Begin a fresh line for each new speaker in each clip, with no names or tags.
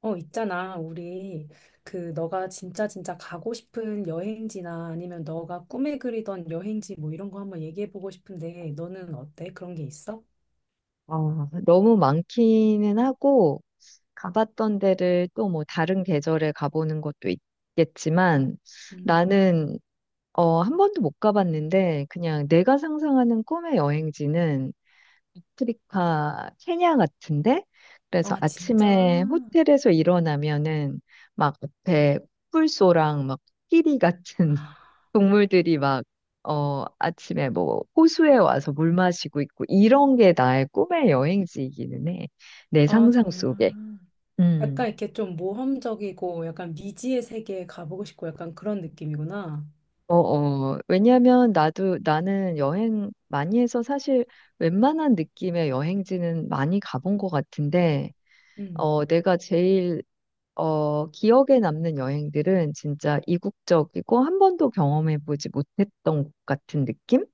있잖아. 우리 그 너가 진짜 진짜 가고 싶은 여행지나 아니면 너가 꿈에 그리던 여행지 뭐 이런 거 한번 얘기해 보고 싶은데 너는 어때? 그런 게 있어?
너무 많기는 하고, 가봤던 데를 또 뭐 다른 계절에 가보는 것도 있겠지만,
음.
나는, 한 번도 못 가봤는데, 그냥 내가 상상하는 꿈의 여행지는 아프리카 케냐 같은데 그래서
아, 진짜?
아침에 호텔에서 일어나면은 막 앞에 꿀소랑 막 끼리 같은 동물들이 막 아침에 뭐 호수에 와서 물 마시고 있고 이런 게 나의 꿈의 여행지이기는 해. 내
아,
상상
정말.
속에.
약간
음.
이렇게 좀 모험적이고 약간 미지의 세계에 가보고 싶고 약간 그런 느낌이구나.
왜냐면 나도 나는 여행 많이 해서 사실 웬만한 느낌의 여행지는 많이 가본 것 같은데,
음.
내가 제일 기억에 남는 여행들은 진짜 이국적이고 한 번도 경험해보지 못했던 곳 같은 느낌?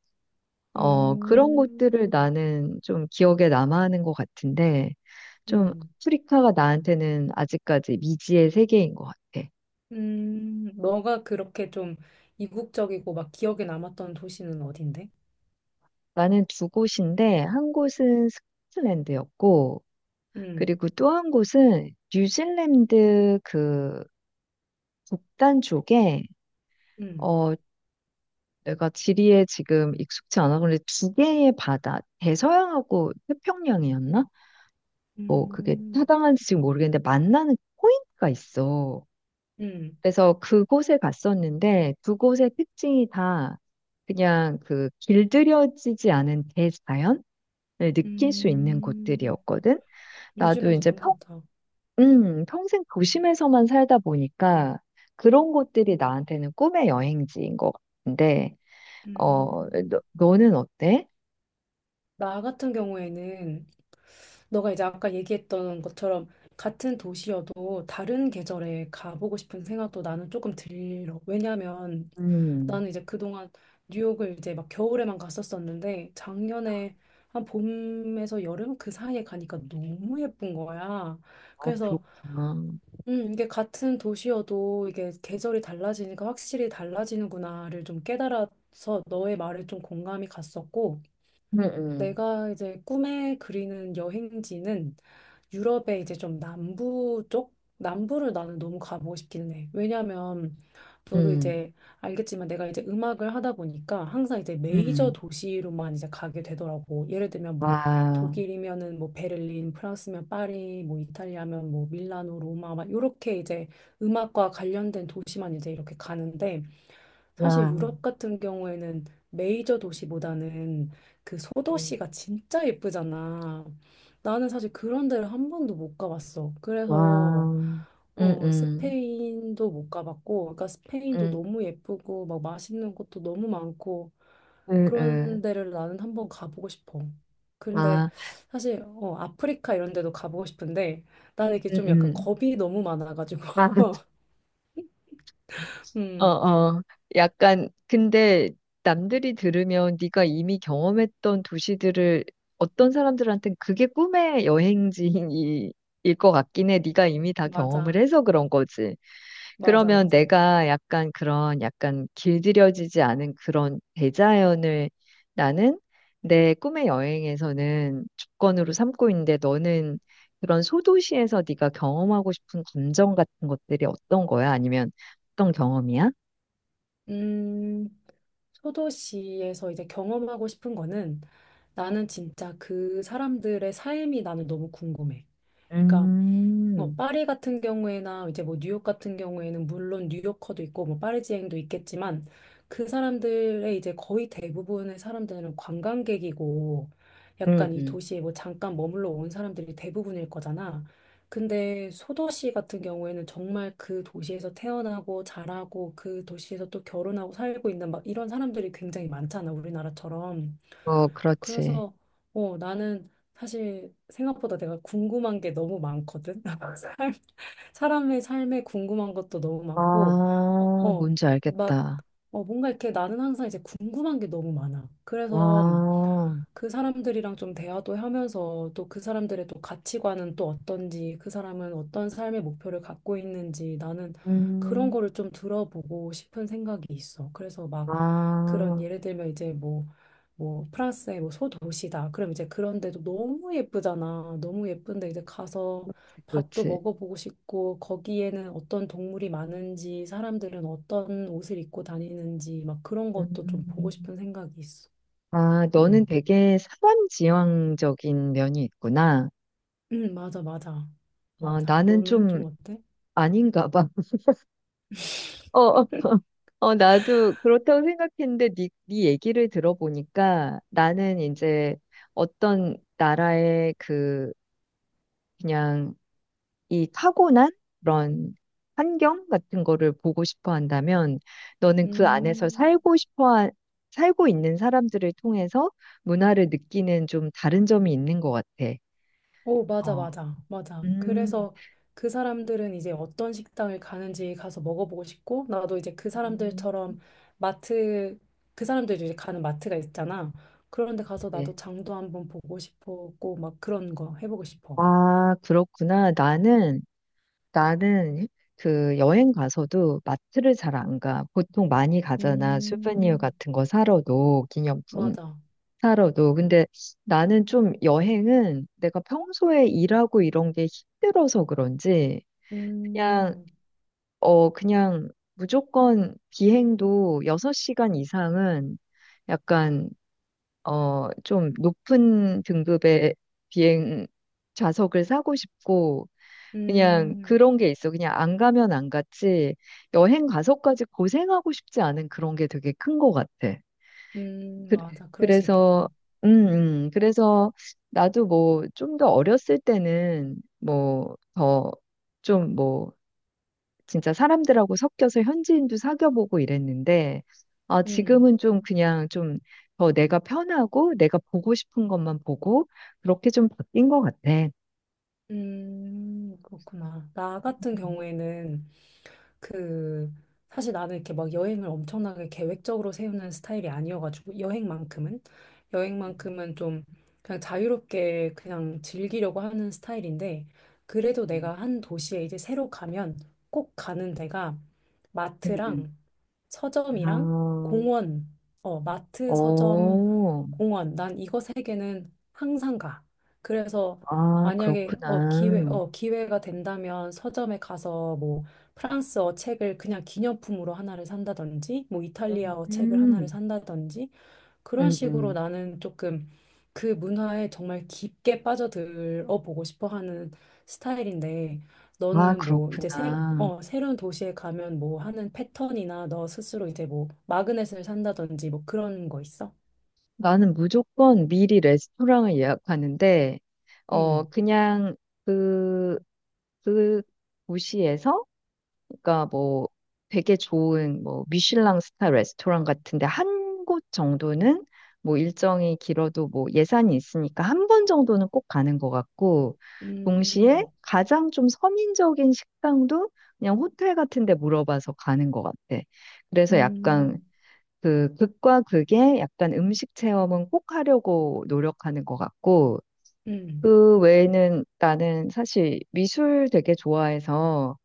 그런 곳들을
음.
나는 좀 기억에 남아하는 것 같은데, 좀
음.
아프리카가 나한테는 아직까지 미지의 세계인 것 같아.
음. 너가 그렇게 좀 이국적이고 막 기억에 남았던 도시는 어딘데?
나는 두 곳인데, 한 곳은 스코틀랜드였고,
음.
그리고 또 한 곳은 뉴질랜드 그 북단 쪽에
음.
어, 내가 지리에 지금 익숙치 않아. 근데 두 개의 바다, 대서양하고 태평양이었나? 뭐, 그게
음,
타당한지 지금 모르겠는데, 만나는 포인트가 있어.
음,
그래서 그곳에 갔었는데, 두 곳의 특징이 다 그냥 그 길들여지지 않은 대자연을 느낄 수 있는
음,
곳들이었거든. 나도
뉴질랜드
이제
너무 좋다.
평생 도심에서만 살다 보니까 그런 곳들이 나한테는 꿈의 여행지인 것 같은데,
음,
너는 어때?
나 같은 경우에는 너가 이제 아까 얘기했던 것처럼 같은 도시여도 다른 계절에 가보고 싶은 생각도 나는 조금 들어. 왜냐면
음.
나는 이제 그동안 뉴욕을 이제 막 겨울에만 갔었었는데 작년에 한 봄에서 여름 그 사이에 가니까 너무 예쁜 거야.
아,
그래서
그렇구나.
이게 같은 도시여도 이게 계절이 달라지니까 확실히 달라지는구나를 좀 깨달아서 너의 말에 좀 공감이 갔었고,
음, 음,
내가 이제 꿈에 그리는 여행지는 유럽의 이제 좀 남부 쪽? 남부를 나는 너무 가보고 싶기는 해. 왜냐면 너도
음,
이제 알겠지만 내가 이제 음악을 하다 보니까 항상 이제 메이저
음.
도시로만 이제 가게 되더라고. 예를 들면 뭐
와,
독일이면은 뭐 베를린, 프랑스면 파리, 뭐 이탈리아면 뭐 밀라노, 로마 막 이렇게 이제 음악과 관련된 도시만 이제 이렇게 가는데 사실
야,
유럽 같은 경우에는 메이저 도시보다는 그
음.
소도시가 진짜 예쁘잖아. 나는 사실 그런 데를 한 번도 못 가봤어.
와,
그래서
음, 음,
스페인도 못 가봤고, 그러니까 스페인도
음,
너무 예쁘고 막 맛있는 곳도 너무 많고
음,
그런
음.
데를 나는 한 번 가보고 싶어. 근데
아,
사실 아프리카 이런 데도 가보고 싶은데 나는 이게 좀 약간
음.
겁이 너무 많아가지고.
아,
음,
어, 어. 약간, 근데 남들이 들으면 네가 이미 경험했던 도시들을 어떤 사람들한테는 그게 꿈의 여행지일 것 같긴 해. 네가 이미 다 경험을
맞아.
해서 그런 거지.
맞아,
그러면
맞아.
내가 약간 그런 약간 길들여지지 않은 그런 대자연을 나는 내 꿈의 여행에서는 조건으로 삼고 있는데 너는 그런 소도시에서 네가 경험하고 싶은 감정 같은 것들이 어떤 거야? 아니면 어떤 경험이야?
음. 소도시에서 이제 경험하고 싶은 거는 나는 진짜 그 사람들의 삶이 나는 너무 궁금해. 그러니까
음,
파리 같은 경우에나 이제 뭐 뉴욕 같은 경우에는 물론 뉴요커도 있고 뭐 파리지앵도 있겠지만 그 사람들의 이제 거의 대부분의 사람들은 관광객이고
응,
약간 이
응.
도시에 뭐 잠깐 머물러 온 사람들이 대부분일 거잖아. 근데 소도시 같은 경우에는 정말 그 도시에서 태어나고 자라고 그 도시에서 또 결혼하고 살고 있는 막 이런 사람들이 굉장히 많잖아, 우리나라처럼.
어, 그렇지.
그래서 나는 사실 생각보다 내가 궁금한 게 너무 많거든. 사람- 사람의 삶에 궁금한 것도 너무
아,
많고, 어, 어,
뭔지
막,
알겠다.
뭔가 이렇게 나는 항상 이제 궁금한 게 너무 많아. 그래서
와,
그 사람들이랑 좀 대화도 하면서 또 그 사람들의 또 가치관은 또 어떤지, 그 사람은 어떤 삶의 목표를 갖고 있는지 나는 그런
음,
거를 좀 들어보고 싶은 생각이 있어. 그래서 막 그런
아,
예를 들면 이제 뭐, 뭐 프랑스의 뭐 소도시다. 그럼 이제 그런데도 너무 예쁘잖아. 너무 예쁜데 이제 가서 밥도
그렇지.
먹어보고 싶고 거기에는 어떤 동물이 많은지, 사람들은 어떤 옷을 입고 다니는지 막 그런 것도 좀 보고
음.
싶은 생각이 있어.
아, 너는
음.
되게 사람지향적인 면이 있구나.
응, 맞아, 맞아. 맞아.
나는
너는
좀
좀 어때?
아닌가 봐. 어, 어, 나도 그렇다고 생각했는데 네 얘기를 들어보니까 나는 이제 어떤 나라의 그 그냥 이 타고난 그런 환경 같은 거를 보고 싶어 한다면 너는 그 안에서
음,
살고 싶어 살고 있는 사람들을 통해서 문화를 느끼는 좀 다른 점이 있는 것 같아.
오, 맞아,
어.
맞아, 맞아.
음.
그래서 그 사람들은 이제 어떤 식당을 가는지 가서 먹어보고 싶고, 나도 이제 그
음.
사람들처럼 마트, 그 사람들이 이제 가는 마트가 있잖아. 그런데 가서
네.
나도 장도 한번 보고 싶었고, 막 그런 거 해보고 싶어.
아, 그렇구나. 나는 그 여행 가서도 마트를 잘 안 가. 보통 많이 가잖아. 수베니어
음,
같은 거 사러도, 기념품
맞아.
사러도. 근데 나는 좀 여행은 내가 평소에 일하고 이런 게 힘들어서 그런지, 그냥,
음,
그냥 무조건 비행도 6시간 이상은 약간 좀 높은 등급의 비행 좌석을 사고 싶고, 그냥
음,
그런 게 있어. 그냥 안 가면 안 갔지, 여행 가서까지 고생하고 싶지 않은 그런 게 되게 큰 것 같아. 그,
맞아. 그럴 수 있겠다.
그래서, 음, 그래서 나도 뭐 좀 더 어렸을 때는 뭐더좀뭐 진짜 사람들하고 섞여서 현지인도 사귀어보고 이랬는데, 아,
음.
지금은 좀 그냥 좀 더 내가 편하고 내가 보고 싶은 것만 보고 그렇게 좀 바뀐 것 같아.
그렇구나. 나 같은
음,
경우에는 그 사실 나는 이렇게 막 여행을 엄청나게 계획적으로 세우는 스타일이 아니어가지고 여행만큼은
음,
여행만큼은 좀 그냥 자유롭게 그냥 즐기려고 하는 스타일인데 그래도
음,
내가 한 도시에 이제 새로 가면 꼭 가는 데가
음, 음.
마트랑 서점이랑
아,
공원, 마트, 서점,
어,
공원. 난 이거 세 개는 항상 가. 그래서
아,
만약에
그렇구나.
기회가 된다면 서점에 가서 뭐 프랑스어 책을 그냥 기념품으로 하나를 산다든지 뭐 이탈리아어 책을 하나를
음,
산다든지 그런
음,
식으로
음.
나는 조금 그 문화에 정말 깊게 빠져들어 보고 싶어 하는 스타일인데
아,
너는 뭐 이제
그렇구나.
새로운 도시에 가면 뭐 하는 패턴이나 너 스스로 이제 뭐 마그넷을 산다든지 뭐 그런 거 있어?
나는 무조건 미리 레스토랑을 예약하는데,
음.
그냥 그, 그 도시에서 그러니까 뭐 되게 좋은 뭐 미슐랭 스타 레스토랑 같은데 한 곳 정도는 뭐 일정이 길어도 뭐 예산이 있으니까 한 번 정도는 꼭 가는 것 같고
음.
동시에 가장 좀 서민적인 식당도 그냥 호텔 같은 데 물어봐서 가는 것 같아. 그래서 약간
음.
그 극과 극의 약간 음식 체험은 꼭 하려고 노력하는 것 같고
음.
그 외에는 나는 사실 미술 되게 좋아해서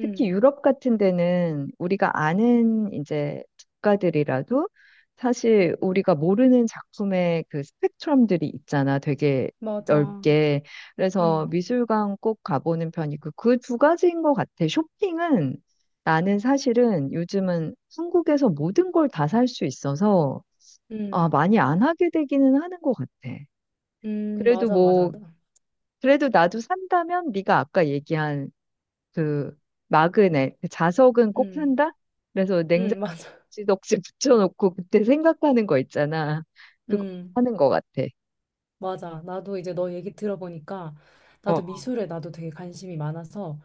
특히 유럽 같은 데는 우리가 아는 이제 작가들이라도 사실 우리가 모르는 작품의 그 스펙트럼들이 있잖아. 되게
맞아.
넓게. 그래서
음,
미술관 꼭 가보는 편이고 그 두 가지인 것 같아. 쇼핑은 나는 사실은 요즘은 한국에서 모든 걸 다 살 수 있어서 아,
음,
많이 안 하게 되기는 하는 것 같아. 그래도
맞아, 맞아.
뭐,
나-
그래도 나도 산다면 네가 아까 얘기한 그 마그넷, 그 자석은 꼭
음,
산다? 그래서
맞아.
냉장고지 덕지 붙여놓고 그때 생각하는 거 있잖아. 그거
음,
하는 것 같아.
맞아. 나도 이제 너 얘기 들어보니까
어,
나도
어,
미술에 나도 되게 관심이 많아서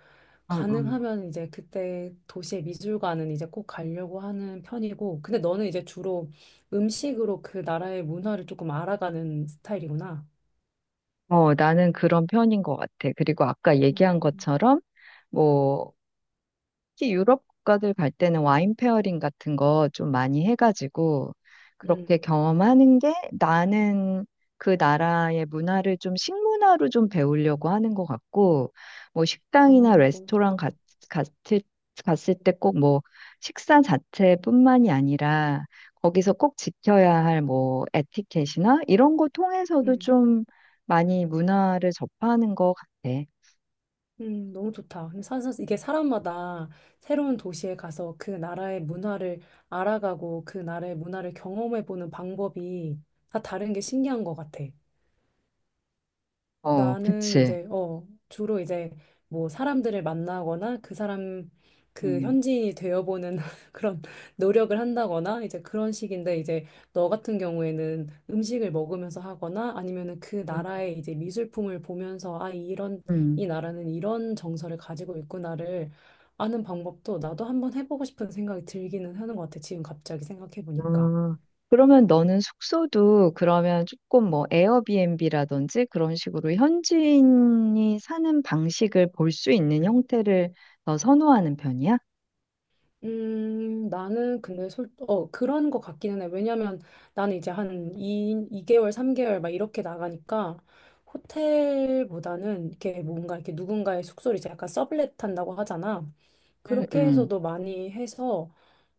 어, 어.
가능하면 이제 그때 도시의 미술관은 이제 꼭 가려고 하는 편이고 근데 너는 이제 주로 음식으로 그 나라의 문화를 조금 알아가는 스타일이구나.
나는 그런 편인 것 같아. 그리고 아까 얘기한
음,
것처럼, 뭐, 특히 유럽 국가들 갈 때는 와인 페어링 같은 거 좀 많이 해가지고
음,
그렇게 경험하는 게 나는 그 나라의 문화를 좀 식문화로 좀 배우려고 하는 것 같고 뭐 식당이나
너무
레스토랑
좋다.
갔을, 갔을 때 꼭 뭐 식사 자체뿐만이 아니라 거기서 꼭 지켜야 할 뭐 에티켓이나 이런 거 통해서도
음.
좀 많이 문화를 접하는 것 같아.
너무 좋다. 근데 사실 이게 사람마다 새로운 도시에 가서 그 나라의 문화를 알아가고 그 나라의 문화를 경험해보는 방법이 다 다른 게 신기한 것 같아.
어,
나는
그치.
이제 주로 이제 뭐 사람들을 만나거나 그 사람 그
음.
현지인이 되어보는 그런 노력을 한다거나 이제 그런 식인데 이제 너 같은 경우에는 음식을 먹으면서 하거나 아니면은 그
음.
나라의 이제 미술품을 보면서 아 이런 이
음.
나라는 이런 정서를 가지고 있구나를 아는 방법도 나도 한번 해보고 싶은 생각이 들기는 하는 것 같아 지금 갑자기 생각해 보니까.
아, 그러면 너는 숙소도 그러면 조금 뭐 에어비앤비라든지 그런 식으로 현지인이 사는 방식을 볼 수 있는 형태를 더 선호하는 편이야?
나는 근데 그런 것 같기는 해. 왜냐면 나는 이제 한 2, 이개월 3개월 막 이렇게 나가니까 호텔보다는 이렇게 뭔가 이렇게 누군가의 숙소를 이제 약간 서블렛 한다고 하잖아.
응,
그렇게
응,
해서도 많이 해서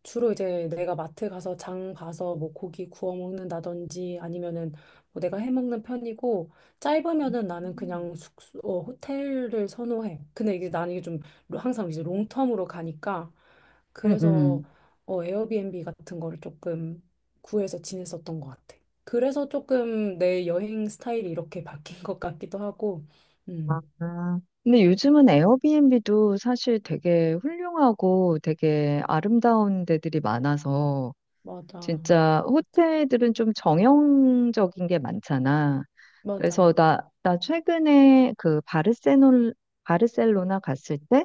주로 이제 내가 마트 가서 장 봐서 뭐 고기 구워 먹는다든지 아니면은 뭐 내가 해 먹는 편이고 짧으면은 나는
음.
그냥 호텔을 선호해. 근데 이게 나는 이게 좀 항상 이제 롱텀으로 가니까
응,
그래서
응.
에어비앤비 같은 거를 조금 구해서 지냈었던 것 같아. 그래서 조금 내 여행 스타일이 이렇게 바뀐 것 같기도 하고, 음,
아, 근데 요즘은 에어비앤비도 사실 되게 훌륭하고 되게 아름다운 데들이 많아서
맞아.
진짜 호텔들은 좀 정형적인 게 많잖아.
맞아.
그래서 나 최근에 그 바르셀로나 갔을 때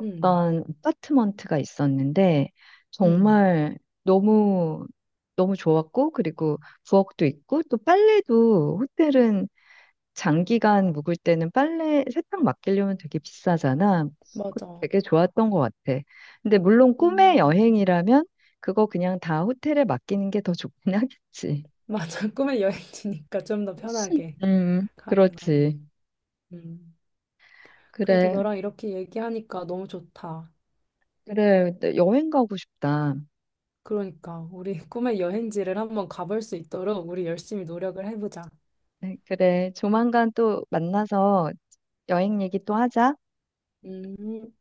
음,
아파트먼트가 있었는데
음,
정말 너무 너무 좋았고 그리고 부엌도 있고 또 빨래도 호텔은 장기간 묵을 때는 빨래 세탁 맡기려면 되게 비싸잖아. 그것도
맞아.
되게 좋았던 것 같아. 근데 물론 꿈의
음,
여행이라면 그거 그냥 다 호텔에 맡기는 게 더 좋긴 하겠지.
맞아. 꿈의 여행지니까 좀 더 편하게 가는 걸로.
그렇지.
음. 그래도
그래.
너랑 이렇게 얘기하니까 너무 좋다.
그래, 너 여행 가고 싶다.
그러니까 우리 꿈의 여행지를 한번 가볼 수 있도록 우리 열심히 노력을 해보자.
네, 그래, 조만간 또 만나서 여행 얘기 또 하자.
음.